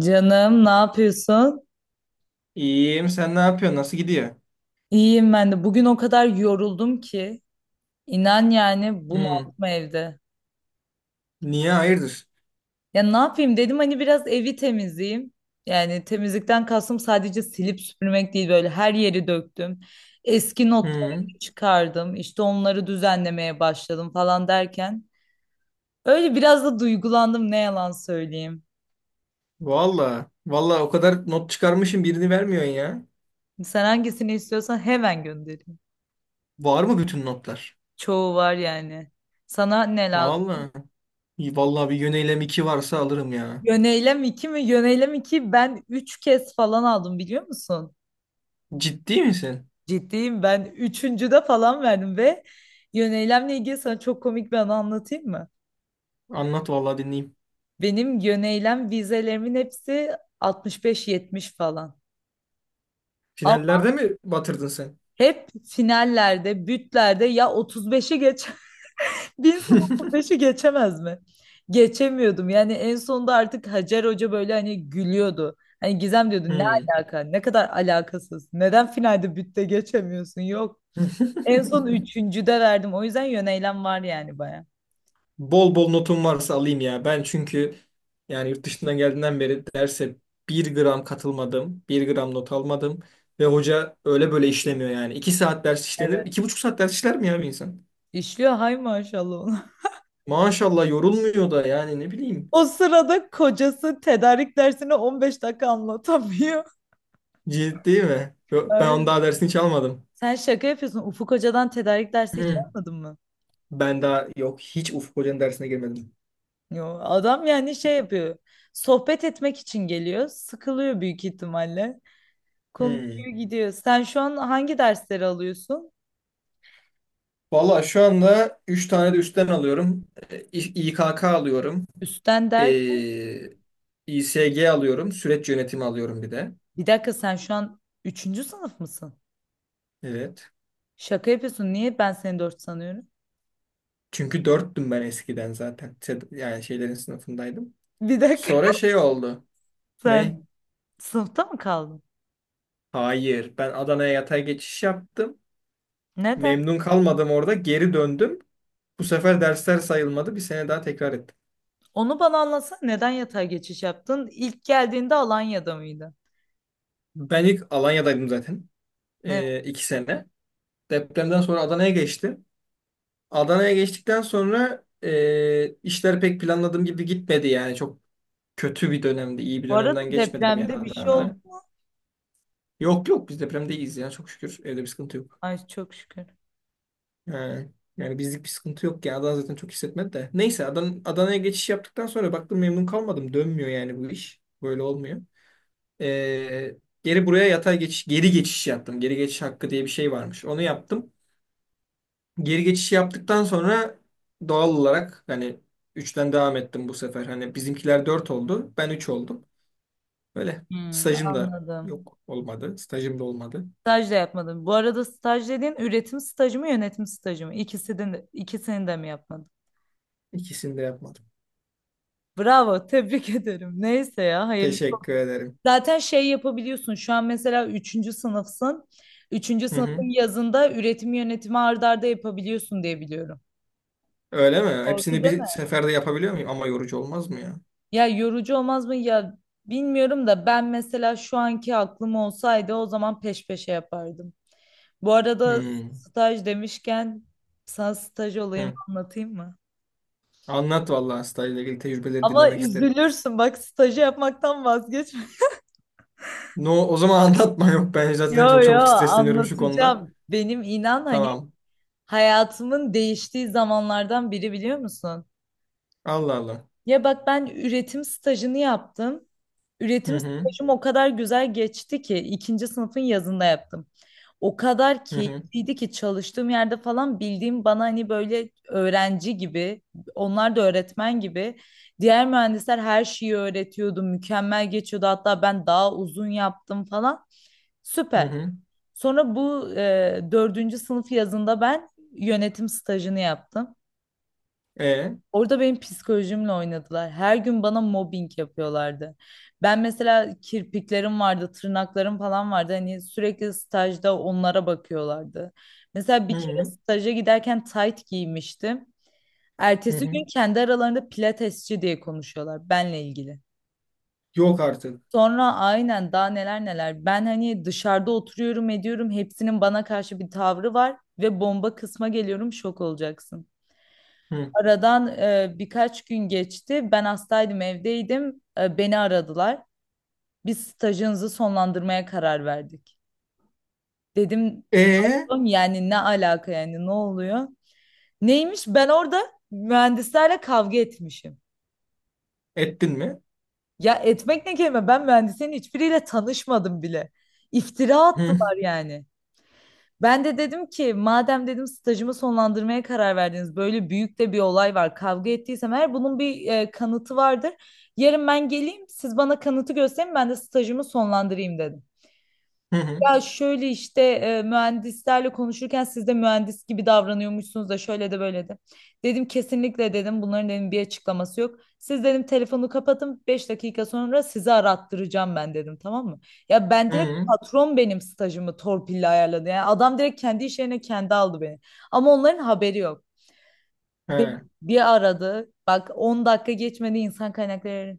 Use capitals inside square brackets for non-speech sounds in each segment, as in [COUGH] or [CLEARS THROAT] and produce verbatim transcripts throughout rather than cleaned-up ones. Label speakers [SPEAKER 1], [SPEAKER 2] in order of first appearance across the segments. [SPEAKER 1] Canım ne yapıyorsun?
[SPEAKER 2] İyiyim. Sen ne yapıyorsun? Nasıl gidiyor?
[SPEAKER 1] İyiyim ben de. Bugün o kadar yoruldum ki. İnan yani
[SPEAKER 2] Hmm.
[SPEAKER 1] bunaldım evde.
[SPEAKER 2] Niye? Hayırdır?
[SPEAKER 1] Ya ne yapayım dedim hani biraz evi temizleyeyim. Yani temizlikten kastım sadece silip süpürmek değil böyle her yeri döktüm. Eski notları
[SPEAKER 2] Hmm.
[SPEAKER 1] çıkardım. İşte onları düzenlemeye başladım falan derken. Öyle biraz da duygulandım ne yalan söyleyeyim.
[SPEAKER 2] Valla. Valla, o kadar not çıkarmışım, birini vermiyorsun ya.
[SPEAKER 1] Sen hangisini istiyorsan hemen göndereyim.
[SPEAKER 2] Var mı bütün notlar?
[SPEAKER 1] Çoğu var yani. Sana ne lazım?
[SPEAKER 2] Valla. İyi, valla bir yöneylem iki varsa alırım ya.
[SPEAKER 1] Yöneylem iki mi? Yöneylem iki. Ben üç kez falan aldım biliyor musun?
[SPEAKER 2] Ciddi misin?
[SPEAKER 1] Ciddiyim ben üçüncüde falan verdim ve yöneylemle ilgili sana çok komik bir anı anlatayım mı?
[SPEAKER 2] Anlat valla, dinleyeyim.
[SPEAKER 1] Benim yöneylem vizelerimin hepsi altmış beş yetmiş falan. Ama
[SPEAKER 2] Finallerde mi batırdın sen?
[SPEAKER 1] hep finallerde, bütlerde ya otuz beşi geç. Bir insan
[SPEAKER 2] [LAUGHS]
[SPEAKER 1] otuz beşi geçemez mi? Geçemiyordum. Yani en sonunda artık Hacer Hoca böyle hani gülüyordu. Hani Gizem diyordu ne
[SPEAKER 2] Hmm.
[SPEAKER 1] alaka? Ne kadar alakasız. Neden finalde bütte geçemiyorsun? Yok. En son
[SPEAKER 2] [LAUGHS]
[SPEAKER 1] üçüncüde verdim. O yüzden yöneylem var yani baya.
[SPEAKER 2] Bol bol notum varsa alayım ya. Ben çünkü yani yurt dışından geldiğinden beri derse bir gram katılmadım. Bir gram not almadım. Ve hoca öyle böyle işlemiyor yani. İki saat ders işlenir.
[SPEAKER 1] Evet.
[SPEAKER 2] İki buçuk saat ders işler mi ya bir insan?
[SPEAKER 1] İşliyor hay maşallah ona. [LAUGHS]
[SPEAKER 2] Maşallah, yorulmuyor da yani, ne bileyim.
[SPEAKER 1] O sırada kocası tedarik dersini on beş dakika anlatamıyor.
[SPEAKER 2] Ciddi mi?
[SPEAKER 1] [LAUGHS]
[SPEAKER 2] Yo- Ben
[SPEAKER 1] Hayır.
[SPEAKER 2] onun daha dersini hiç almadım.
[SPEAKER 1] Sen şaka yapıyorsun. Ufuk Hoca'dan tedarik dersi hiç
[SPEAKER 2] Hı.
[SPEAKER 1] almadın mı?
[SPEAKER 2] Ben daha yok, hiç Ufuk Hoca'nın dersine girmedim.
[SPEAKER 1] Yo, adam yani şey yapıyor. Sohbet etmek için geliyor. Sıkılıyor büyük ihtimalle.
[SPEAKER 2] Hı.
[SPEAKER 1] Konuşuyor gidiyor. Sen şu an hangi dersleri alıyorsun?
[SPEAKER 2] Valla şu anda üç tane de üstten alıyorum. E, İ- İKK alıyorum.
[SPEAKER 1] Üstten der.
[SPEAKER 2] Ee, İSG alıyorum. Süreç yönetimi alıyorum bir de.
[SPEAKER 1] Bir dakika sen şu an üçüncü sınıf mısın?
[SPEAKER 2] Evet.
[SPEAKER 1] Şaka yapıyorsun. Niye ben seni dört sanıyorum?
[SPEAKER 2] Çünkü dörttüm ben eskiden zaten. Sed- Yani şeylerin sınıfındaydım.
[SPEAKER 1] Bir dakika.
[SPEAKER 2] Sonra şey oldu.
[SPEAKER 1] [LAUGHS]
[SPEAKER 2] Ne?
[SPEAKER 1] Sen sınıfta mı kaldın?
[SPEAKER 2] Hayır. Ben Adana'ya yatay geçiş yaptım.
[SPEAKER 1] Neden?
[SPEAKER 2] Memnun kalmadım orada. Geri döndüm. Bu sefer dersler sayılmadı. Bir sene daha tekrar ettim.
[SPEAKER 1] Onu bana anlatsana. Neden yatay geçiş yaptın? İlk geldiğinde Alanya'da mıydı?
[SPEAKER 2] Ben ilk Alanya'daydım zaten.
[SPEAKER 1] Evet.
[SPEAKER 2] Ee, iki sene. Depremden sonra Adana'ya geçtim. Adana'ya geçtikten sonra e, işler pek planladığım gibi gitmedi yani. Çok kötü bir dönemde, iyi bir
[SPEAKER 1] Bu
[SPEAKER 2] dönemden
[SPEAKER 1] arada
[SPEAKER 2] geçmedim yani
[SPEAKER 1] depremde bir şey oldu.
[SPEAKER 2] Adana'da. Yok yok, biz depremde iyiyiz ya, çok şükür. Evde bir sıkıntı yok.
[SPEAKER 1] Ay çok şükür.
[SPEAKER 2] Ee, yani bizlik bir sıkıntı yok yani, Adana zaten çok hissetmedi de. Neyse, Adana, Adana'ya geçiş yaptıktan sonra baktım, memnun kalmadım. Dönmüyor yani bu iş. Böyle olmuyor. Ee, geri buraya yatay geçiş, geri geçiş yaptım. Geri geçiş hakkı diye bir şey varmış. Onu yaptım. Geri geçiş yaptıktan sonra doğal olarak hani üçten devam ettim bu sefer. Hani bizimkiler dört oldu. Ben üç oldum. Böyle.
[SPEAKER 1] Hmm,
[SPEAKER 2] Stajım da
[SPEAKER 1] anladım.
[SPEAKER 2] yok olmadı. Stajım da olmadı.
[SPEAKER 1] Staj da yapmadım. Bu arada staj dediğin üretim stajı mı yönetim stajı mı? İkisini de, ikisini de mi yapmadın?
[SPEAKER 2] İkisini de yapmadım.
[SPEAKER 1] Bravo, tebrik [LAUGHS] ederim. Neyse ya, hayırlı.
[SPEAKER 2] Teşekkür ederim.
[SPEAKER 1] Zaten şey yapabiliyorsun. Şu an mesela üçüncü sınıfsın. Üçüncü
[SPEAKER 2] Hı hı.
[SPEAKER 1] sınıfın yazında üretim yönetimi art arda yapabiliyorsun diye biliyorum.
[SPEAKER 2] Öyle mi?
[SPEAKER 1] Doğru
[SPEAKER 2] Hepsini
[SPEAKER 1] değil
[SPEAKER 2] bir
[SPEAKER 1] mi?
[SPEAKER 2] seferde yapabiliyor muyum? Ama yorucu olmaz mı ya?
[SPEAKER 1] Ya yorucu olmaz mı? Ya bilmiyorum da ben mesela şu anki aklım olsaydı o zaman peş peşe yapardım. Bu arada
[SPEAKER 2] Hmm.
[SPEAKER 1] staj demişken sana staj olayımı
[SPEAKER 2] Hı.
[SPEAKER 1] anlatayım mı?
[SPEAKER 2] Anlat vallahi, stajla ilgili tecrübeleri
[SPEAKER 1] Ama
[SPEAKER 2] dinlemek isterim.
[SPEAKER 1] üzülürsün bak stajı yapmaktan vazgeç. [LAUGHS]
[SPEAKER 2] No, o zaman [LAUGHS] anlatma yok. Ben zaten
[SPEAKER 1] Yo
[SPEAKER 2] çok
[SPEAKER 1] yo
[SPEAKER 2] çabuk stresleniyorum şu konuda.
[SPEAKER 1] anlatacağım. Benim inan hani
[SPEAKER 2] Tamam.
[SPEAKER 1] hayatımın değiştiği zamanlardan biri biliyor musun?
[SPEAKER 2] Allah Allah.
[SPEAKER 1] Ya bak ben üretim stajını yaptım.
[SPEAKER 2] Hı
[SPEAKER 1] Üretim
[SPEAKER 2] hı.
[SPEAKER 1] stajım o kadar güzel geçti ki ikinci sınıfın yazında yaptım. O kadar
[SPEAKER 2] Hı hı.
[SPEAKER 1] keyifliydi ki çalıştığım yerde falan bildiğim bana hani böyle öğrenci gibi, onlar da öğretmen gibi. Diğer mühendisler her şeyi öğretiyordu, mükemmel geçiyordu. Hatta ben daha uzun yaptım falan.
[SPEAKER 2] Hı
[SPEAKER 1] Süper.
[SPEAKER 2] hı.
[SPEAKER 1] Sonra bu e, dördüncü sınıf yazında ben yönetim stajını yaptım.
[SPEAKER 2] E.
[SPEAKER 1] Orada benim psikolojimle oynadılar. Her gün bana mobbing yapıyorlardı. Ben mesela kirpiklerim vardı, tırnaklarım falan vardı. Hani sürekli stajda onlara bakıyorlardı. Mesela
[SPEAKER 2] Hı
[SPEAKER 1] bir kere
[SPEAKER 2] hı.
[SPEAKER 1] staja giderken tight giymiştim.
[SPEAKER 2] Hı
[SPEAKER 1] Ertesi
[SPEAKER 2] hı.
[SPEAKER 1] gün kendi aralarında pilatesçi diye konuşuyorlar benle ilgili.
[SPEAKER 2] Yok artık.
[SPEAKER 1] Sonra aynen daha neler neler. Ben hani dışarıda oturuyorum ediyorum. Hepsinin bana karşı bir tavrı var ve bomba kısma geliyorum şok olacaksın.
[SPEAKER 2] Hı.
[SPEAKER 1] Aradan e, birkaç gün geçti. Ben hastaydım, evdeydim. E, beni aradılar. Biz stajınızı sonlandırmaya karar verdik. Dedim
[SPEAKER 2] E.
[SPEAKER 1] "Oğlum yani ne alaka yani ne oluyor? Neymiş? Ben orada mühendislerle kavga etmişim.
[SPEAKER 2] Ettin mi?
[SPEAKER 1] Ya etmek ne kelime? Ben mühendislerin hiçbiriyle tanışmadım bile. İftira
[SPEAKER 2] Hı hı.
[SPEAKER 1] attılar yani. Ben de dedim ki madem dedim stajımı sonlandırmaya karar verdiniz böyle büyük de bir olay var kavga ettiysem eğer bunun bir e, kanıtı vardır. Yarın ben geleyim siz bana kanıtı gösterin ben de stajımı sonlandırayım dedim.
[SPEAKER 2] Hı hı.
[SPEAKER 1] Ya şöyle işte e, mühendislerle konuşurken siz de mühendis gibi davranıyormuşsunuz da şöyle de böyle de. Dedim kesinlikle dedim bunların dedim bir açıklaması yok. Siz dedim telefonu kapatın beş dakika sonra sizi arattıracağım ben dedim tamam mı? Ya ben direkt
[SPEAKER 2] Hı.
[SPEAKER 1] patron benim stajımı torpille ayarladı. Yani adam direkt kendi iş yerine kendi aldı beni. Ama onların haberi yok. Beni
[SPEAKER 2] He.
[SPEAKER 1] bir aradı bak on dakika geçmedi insan kaynakları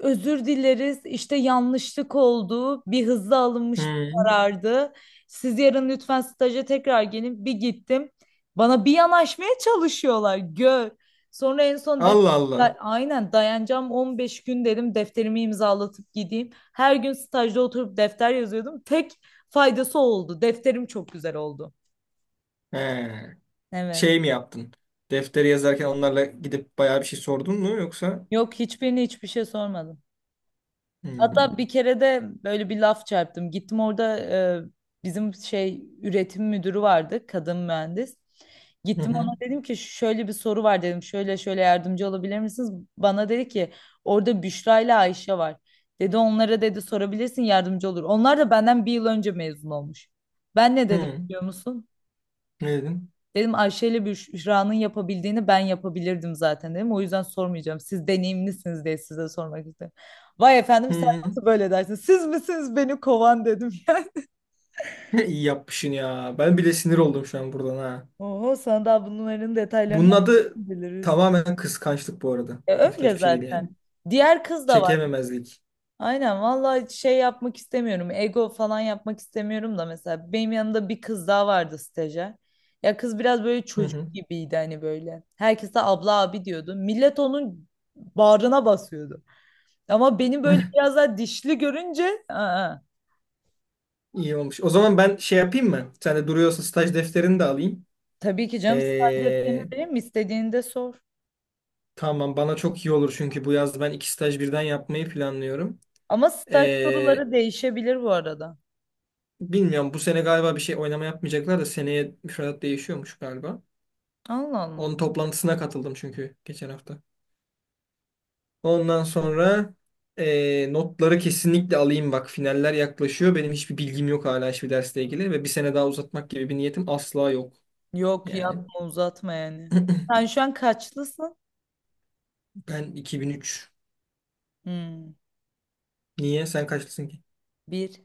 [SPEAKER 1] özür dileriz. İşte yanlışlık oldu. Bir hızlı alınmış bir
[SPEAKER 2] Hı.
[SPEAKER 1] karardı. Siz yarın lütfen staja tekrar gelin. Bir gittim. Bana bir yanaşmaya çalışıyorlar. Gör. Sonra en son
[SPEAKER 2] Allah Allah.
[SPEAKER 1] dediler aynen dayanacağım on beş gün dedim defterimi imzalatıp gideyim. Her gün stajda oturup defter yazıyordum. Tek faydası oldu. Defterim çok güzel oldu.
[SPEAKER 2] He.
[SPEAKER 1] Evet.
[SPEAKER 2] Şey mi yaptın? Defteri yazarken onlarla gidip bayağı bir şey sordun mu yoksa?
[SPEAKER 1] Yok hiçbirine hiçbir şey sormadım.
[SPEAKER 2] Hmm.
[SPEAKER 1] Hatta bir kere de böyle bir laf çarptım. Gittim orada e, bizim şey üretim müdürü vardı, kadın mühendis.
[SPEAKER 2] Hı
[SPEAKER 1] Gittim
[SPEAKER 2] hı.
[SPEAKER 1] ona dedim ki şöyle bir soru var dedim. Şöyle şöyle yardımcı olabilir misiniz? Bana dedi ki orada Büşra ile Ayşe var. Dedi onlara dedi sorabilirsin yardımcı olur. Onlar da benden bir yıl önce mezun olmuş. Ben ne dedim
[SPEAKER 2] Hı.
[SPEAKER 1] biliyor musun?
[SPEAKER 2] Ne dedin?
[SPEAKER 1] Dedim Ayşe ile Büşra'nın yapabildiğini ben yapabilirdim zaten dedim. O yüzden sormayacağım. Siz deneyimlisiniz diye size sormak istedim. Vay efendim sen
[SPEAKER 2] Hı.
[SPEAKER 1] nasıl böyle dersin? Siz misiniz beni kovan dedim [LAUGHS] yani.
[SPEAKER 2] [LAUGHS] İyi yapmışsın ya. Ben bile sinir oldum şu an buradan ha.
[SPEAKER 1] Oho sana daha bunların detaylarını
[SPEAKER 2] Bunun adı
[SPEAKER 1] biliriz.
[SPEAKER 2] tamamen kıskançlık bu arada.
[SPEAKER 1] E,
[SPEAKER 2] Başka
[SPEAKER 1] öyle
[SPEAKER 2] hiçbir şey değil yani.
[SPEAKER 1] zaten. Diğer kız da var.
[SPEAKER 2] Çekememezlik.
[SPEAKER 1] Aynen vallahi şey yapmak istemiyorum. Ego falan yapmak istemiyorum da mesela benim yanımda bir kız daha vardı stajyer. Ya kız biraz böyle
[SPEAKER 2] Hı hı.
[SPEAKER 1] çocuk gibiydi hani böyle. Herkese abla abi diyordu. Millet onun bağrına basıyordu. Ama beni böyle
[SPEAKER 2] [LAUGHS]
[SPEAKER 1] biraz daha dişli görünce aa,
[SPEAKER 2] İyi olmuş. O zaman ben şey yapayım mı? Sen de duruyorsa staj defterini de alayım.
[SPEAKER 1] tabii ki canım staj defterini
[SPEAKER 2] Ee,
[SPEAKER 1] vereyim mi? İstediğini de sor.
[SPEAKER 2] tamam, bana çok iyi olur, çünkü bu yaz ben iki staj birden yapmayı planlıyorum.
[SPEAKER 1] Ama staj
[SPEAKER 2] Ee,
[SPEAKER 1] soruları değişebilir bu arada.
[SPEAKER 2] Bilmiyorum, bu sene galiba bir şey oynama yapmayacaklar da seneye müfredat değişiyormuş galiba.
[SPEAKER 1] Allah Allah.
[SPEAKER 2] Onun toplantısına katıldım çünkü geçen hafta. Ondan sonra eee, notları kesinlikle alayım, bak finaller yaklaşıyor. Benim hiçbir bilgim yok hala hiçbir dersle ilgili, ve bir sene daha uzatmak gibi bir niyetim asla yok.
[SPEAKER 1] Yok
[SPEAKER 2] Yani
[SPEAKER 1] yapma uzatma yani.
[SPEAKER 2] [CLEARS THROAT]
[SPEAKER 1] Sen şu an kaçlısın?
[SPEAKER 2] ben iki bin üç.
[SPEAKER 1] Hmm,
[SPEAKER 2] Niye? Sen kaçlısın ki?
[SPEAKER 1] bir.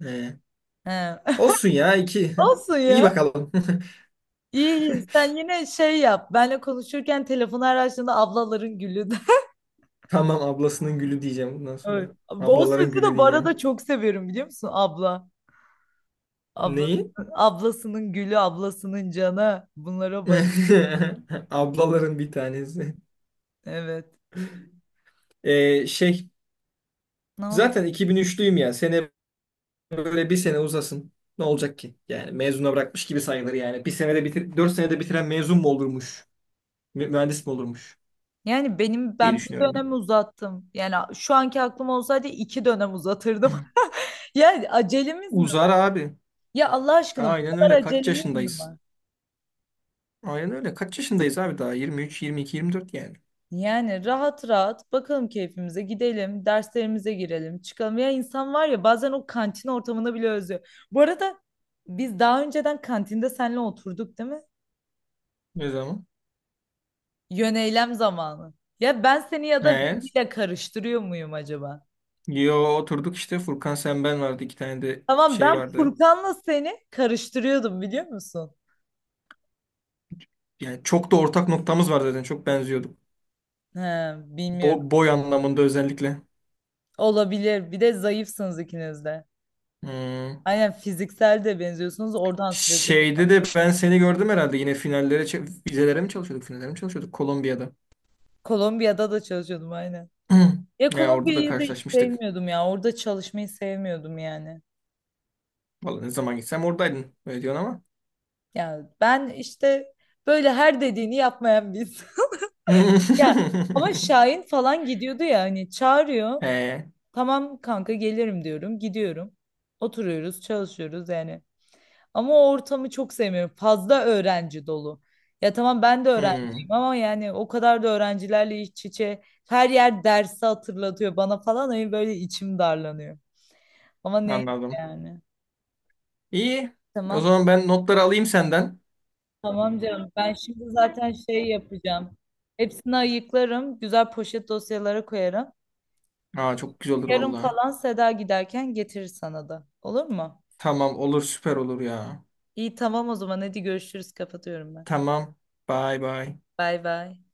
[SPEAKER 2] He.
[SPEAKER 1] He.
[SPEAKER 2] Olsun ya,
[SPEAKER 1] [LAUGHS]
[SPEAKER 2] iki.
[SPEAKER 1] Olsun
[SPEAKER 2] [LAUGHS] İyi
[SPEAKER 1] ya.
[SPEAKER 2] bakalım. [LAUGHS]
[SPEAKER 1] İyi iyi. Sen yine şey yap. Benle konuşurken telefonu her açtığında ablaların gülü de. [LAUGHS]
[SPEAKER 2] Tamam, ablasının gülü diyeceğim bundan
[SPEAKER 1] Evet.
[SPEAKER 2] sonra.
[SPEAKER 1] O
[SPEAKER 2] Ablaların
[SPEAKER 1] sözü
[SPEAKER 2] gülü
[SPEAKER 1] de bu arada
[SPEAKER 2] diyeceğim.
[SPEAKER 1] çok severim biliyor musun? Abla.
[SPEAKER 2] Neyi?
[SPEAKER 1] Ablasının, ablasının gülü, ablasının canı. Bunlara bay.
[SPEAKER 2] [LAUGHS] Ablaların bir tanesi.
[SPEAKER 1] Evet.
[SPEAKER 2] Ee, şey
[SPEAKER 1] Ne oldu?
[SPEAKER 2] zaten iki bin üçlüyüm ya. Sene böyle bir sene uzasın. Ne olacak ki? Yani mezuna bırakmış gibi sayılır yani. Bir senede bitir, dört senede bitiren mezun mu olurmuş? Mü- Mühendis mi olurmuş?
[SPEAKER 1] Yani benim
[SPEAKER 2] Diye
[SPEAKER 1] ben bir
[SPEAKER 2] düşünüyorum ben.
[SPEAKER 1] dönem uzattım. Yani şu anki aklım olsaydı iki dönem uzatırdım.
[SPEAKER 2] [LAUGHS]
[SPEAKER 1] [LAUGHS] Yani
[SPEAKER 2] [CLEARS THROAT]
[SPEAKER 1] acelemiz mi?
[SPEAKER 2] Uzar abi.
[SPEAKER 1] Ya Allah aşkına bu
[SPEAKER 2] Aynen
[SPEAKER 1] kadar
[SPEAKER 2] öyle. Kaç
[SPEAKER 1] acelemiz mi
[SPEAKER 2] yaşındayız?
[SPEAKER 1] var?
[SPEAKER 2] Aynen öyle. Kaç yaşındayız abi daha? yirmi üç, yirmi iki, yirmi dört yani.
[SPEAKER 1] Yani rahat rahat bakalım keyfimize gidelim, derslerimize girelim, çıkalım. Ya insan var ya bazen o kantin ortamını bile özlüyor. Bu arada biz daha önceden kantinde seninle oturduk değil mi?
[SPEAKER 2] Ne zaman?
[SPEAKER 1] Yöneylem zamanı. Ya ben seni ya da
[SPEAKER 2] He.
[SPEAKER 1] biriyle karıştırıyor muyum acaba?
[SPEAKER 2] Yo, oturduk işte. Furkan, sen, ben vardı. İki tane de
[SPEAKER 1] Tamam
[SPEAKER 2] şey
[SPEAKER 1] ben
[SPEAKER 2] vardı.
[SPEAKER 1] Furkan'la seni karıştırıyordum biliyor musun?
[SPEAKER 2] Yani çok da ortak noktamız var zaten. Çok benziyorduk.
[SPEAKER 1] He,
[SPEAKER 2] Bo-
[SPEAKER 1] bilmiyorum.
[SPEAKER 2] boy anlamında özellikle.
[SPEAKER 1] Olabilir. Bir de zayıfsınız ikiniz de.
[SPEAKER 2] Hmm.
[SPEAKER 1] Aynen fiziksel de benziyorsunuz. Oradan sürekli.
[SPEAKER 2] Şeyde de ben seni gördüm herhalde. Yine finallere, ç- vizelere mi çalışıyorduk? Finallere mi çalışıyorduk? Kolombiya'da.
[SPEAKER 1] Kolombiya'da da çalışıyordum aynen. Ya
[SPEAKER 2] [CLEARS THROAT] Ya orada da
[SPEAKER 1] Kolombiya'yı da hiç
[SPEAKER 2] karşılaşmıştık.
[SPEAKER 1] sevmiyordum ya. Orada çalışmayı sevmiyordum yani.
[SPEAKER 2] Vallahi ne zaman gitsem oradaydın. Öyle diyorsun ama.
[SPEAKER 1] Ya ben işte böyle her dediğini yapmayan biz. [LAUGHS] Ya
[SPEAKER 2] [LAUGHS]
[SPEAKER 1] ama Şahin falan gidiyordu ya hani çağırıyor.
[SPEAKER 2] He.
[SPEAKER 1] Tamam kanka gelirim diyorum. Gidiyorum. Oturuyoruz, çalışıyoruz yani. Ama o ortamı çok sevmiyorum. Fazla öğrenci dolu. Ya tamam ben de
[SPEAKER 2] Hmm.
[SPEAKER 1] öğrenciyim ama yani o kadar da öğrencilerle iç içe her yer dersi hatırlatıyor bana falan. Hani böyle içim darlanıyor. Ama neyse
[SPEAKER 2] Anladım.
[SPEAKER 1] yani.
[SPEAKER 2] İyi. O
[SPEAKER 1] Tamam.
[SPEAKER 2] zaman ben notları alayım senden.
[SPEAKER 1] Tamam canım. Ben şimdi zaten şey yapacağım. Hepsini ayıklarım. Güzel poşet dosyalara koyarım.
[SPEAKER 2] Aa, çok güzel olur
[SPEAKER 1] Yarın
[SPEAKER 2] vallahi.
[SPEAKER 1] falan Seda giderken getirir sana da. Olur mu?
[SPEAKER 2] Tamam, olur, süper olur ya.
[SPEAKER 1] İyi tamam o zaman. Hadi görüşürüz. Kapatıyorum ben.
[SPEAKER 2] Tamam. Bye bye.
[SPEAKER 1] Bay bay.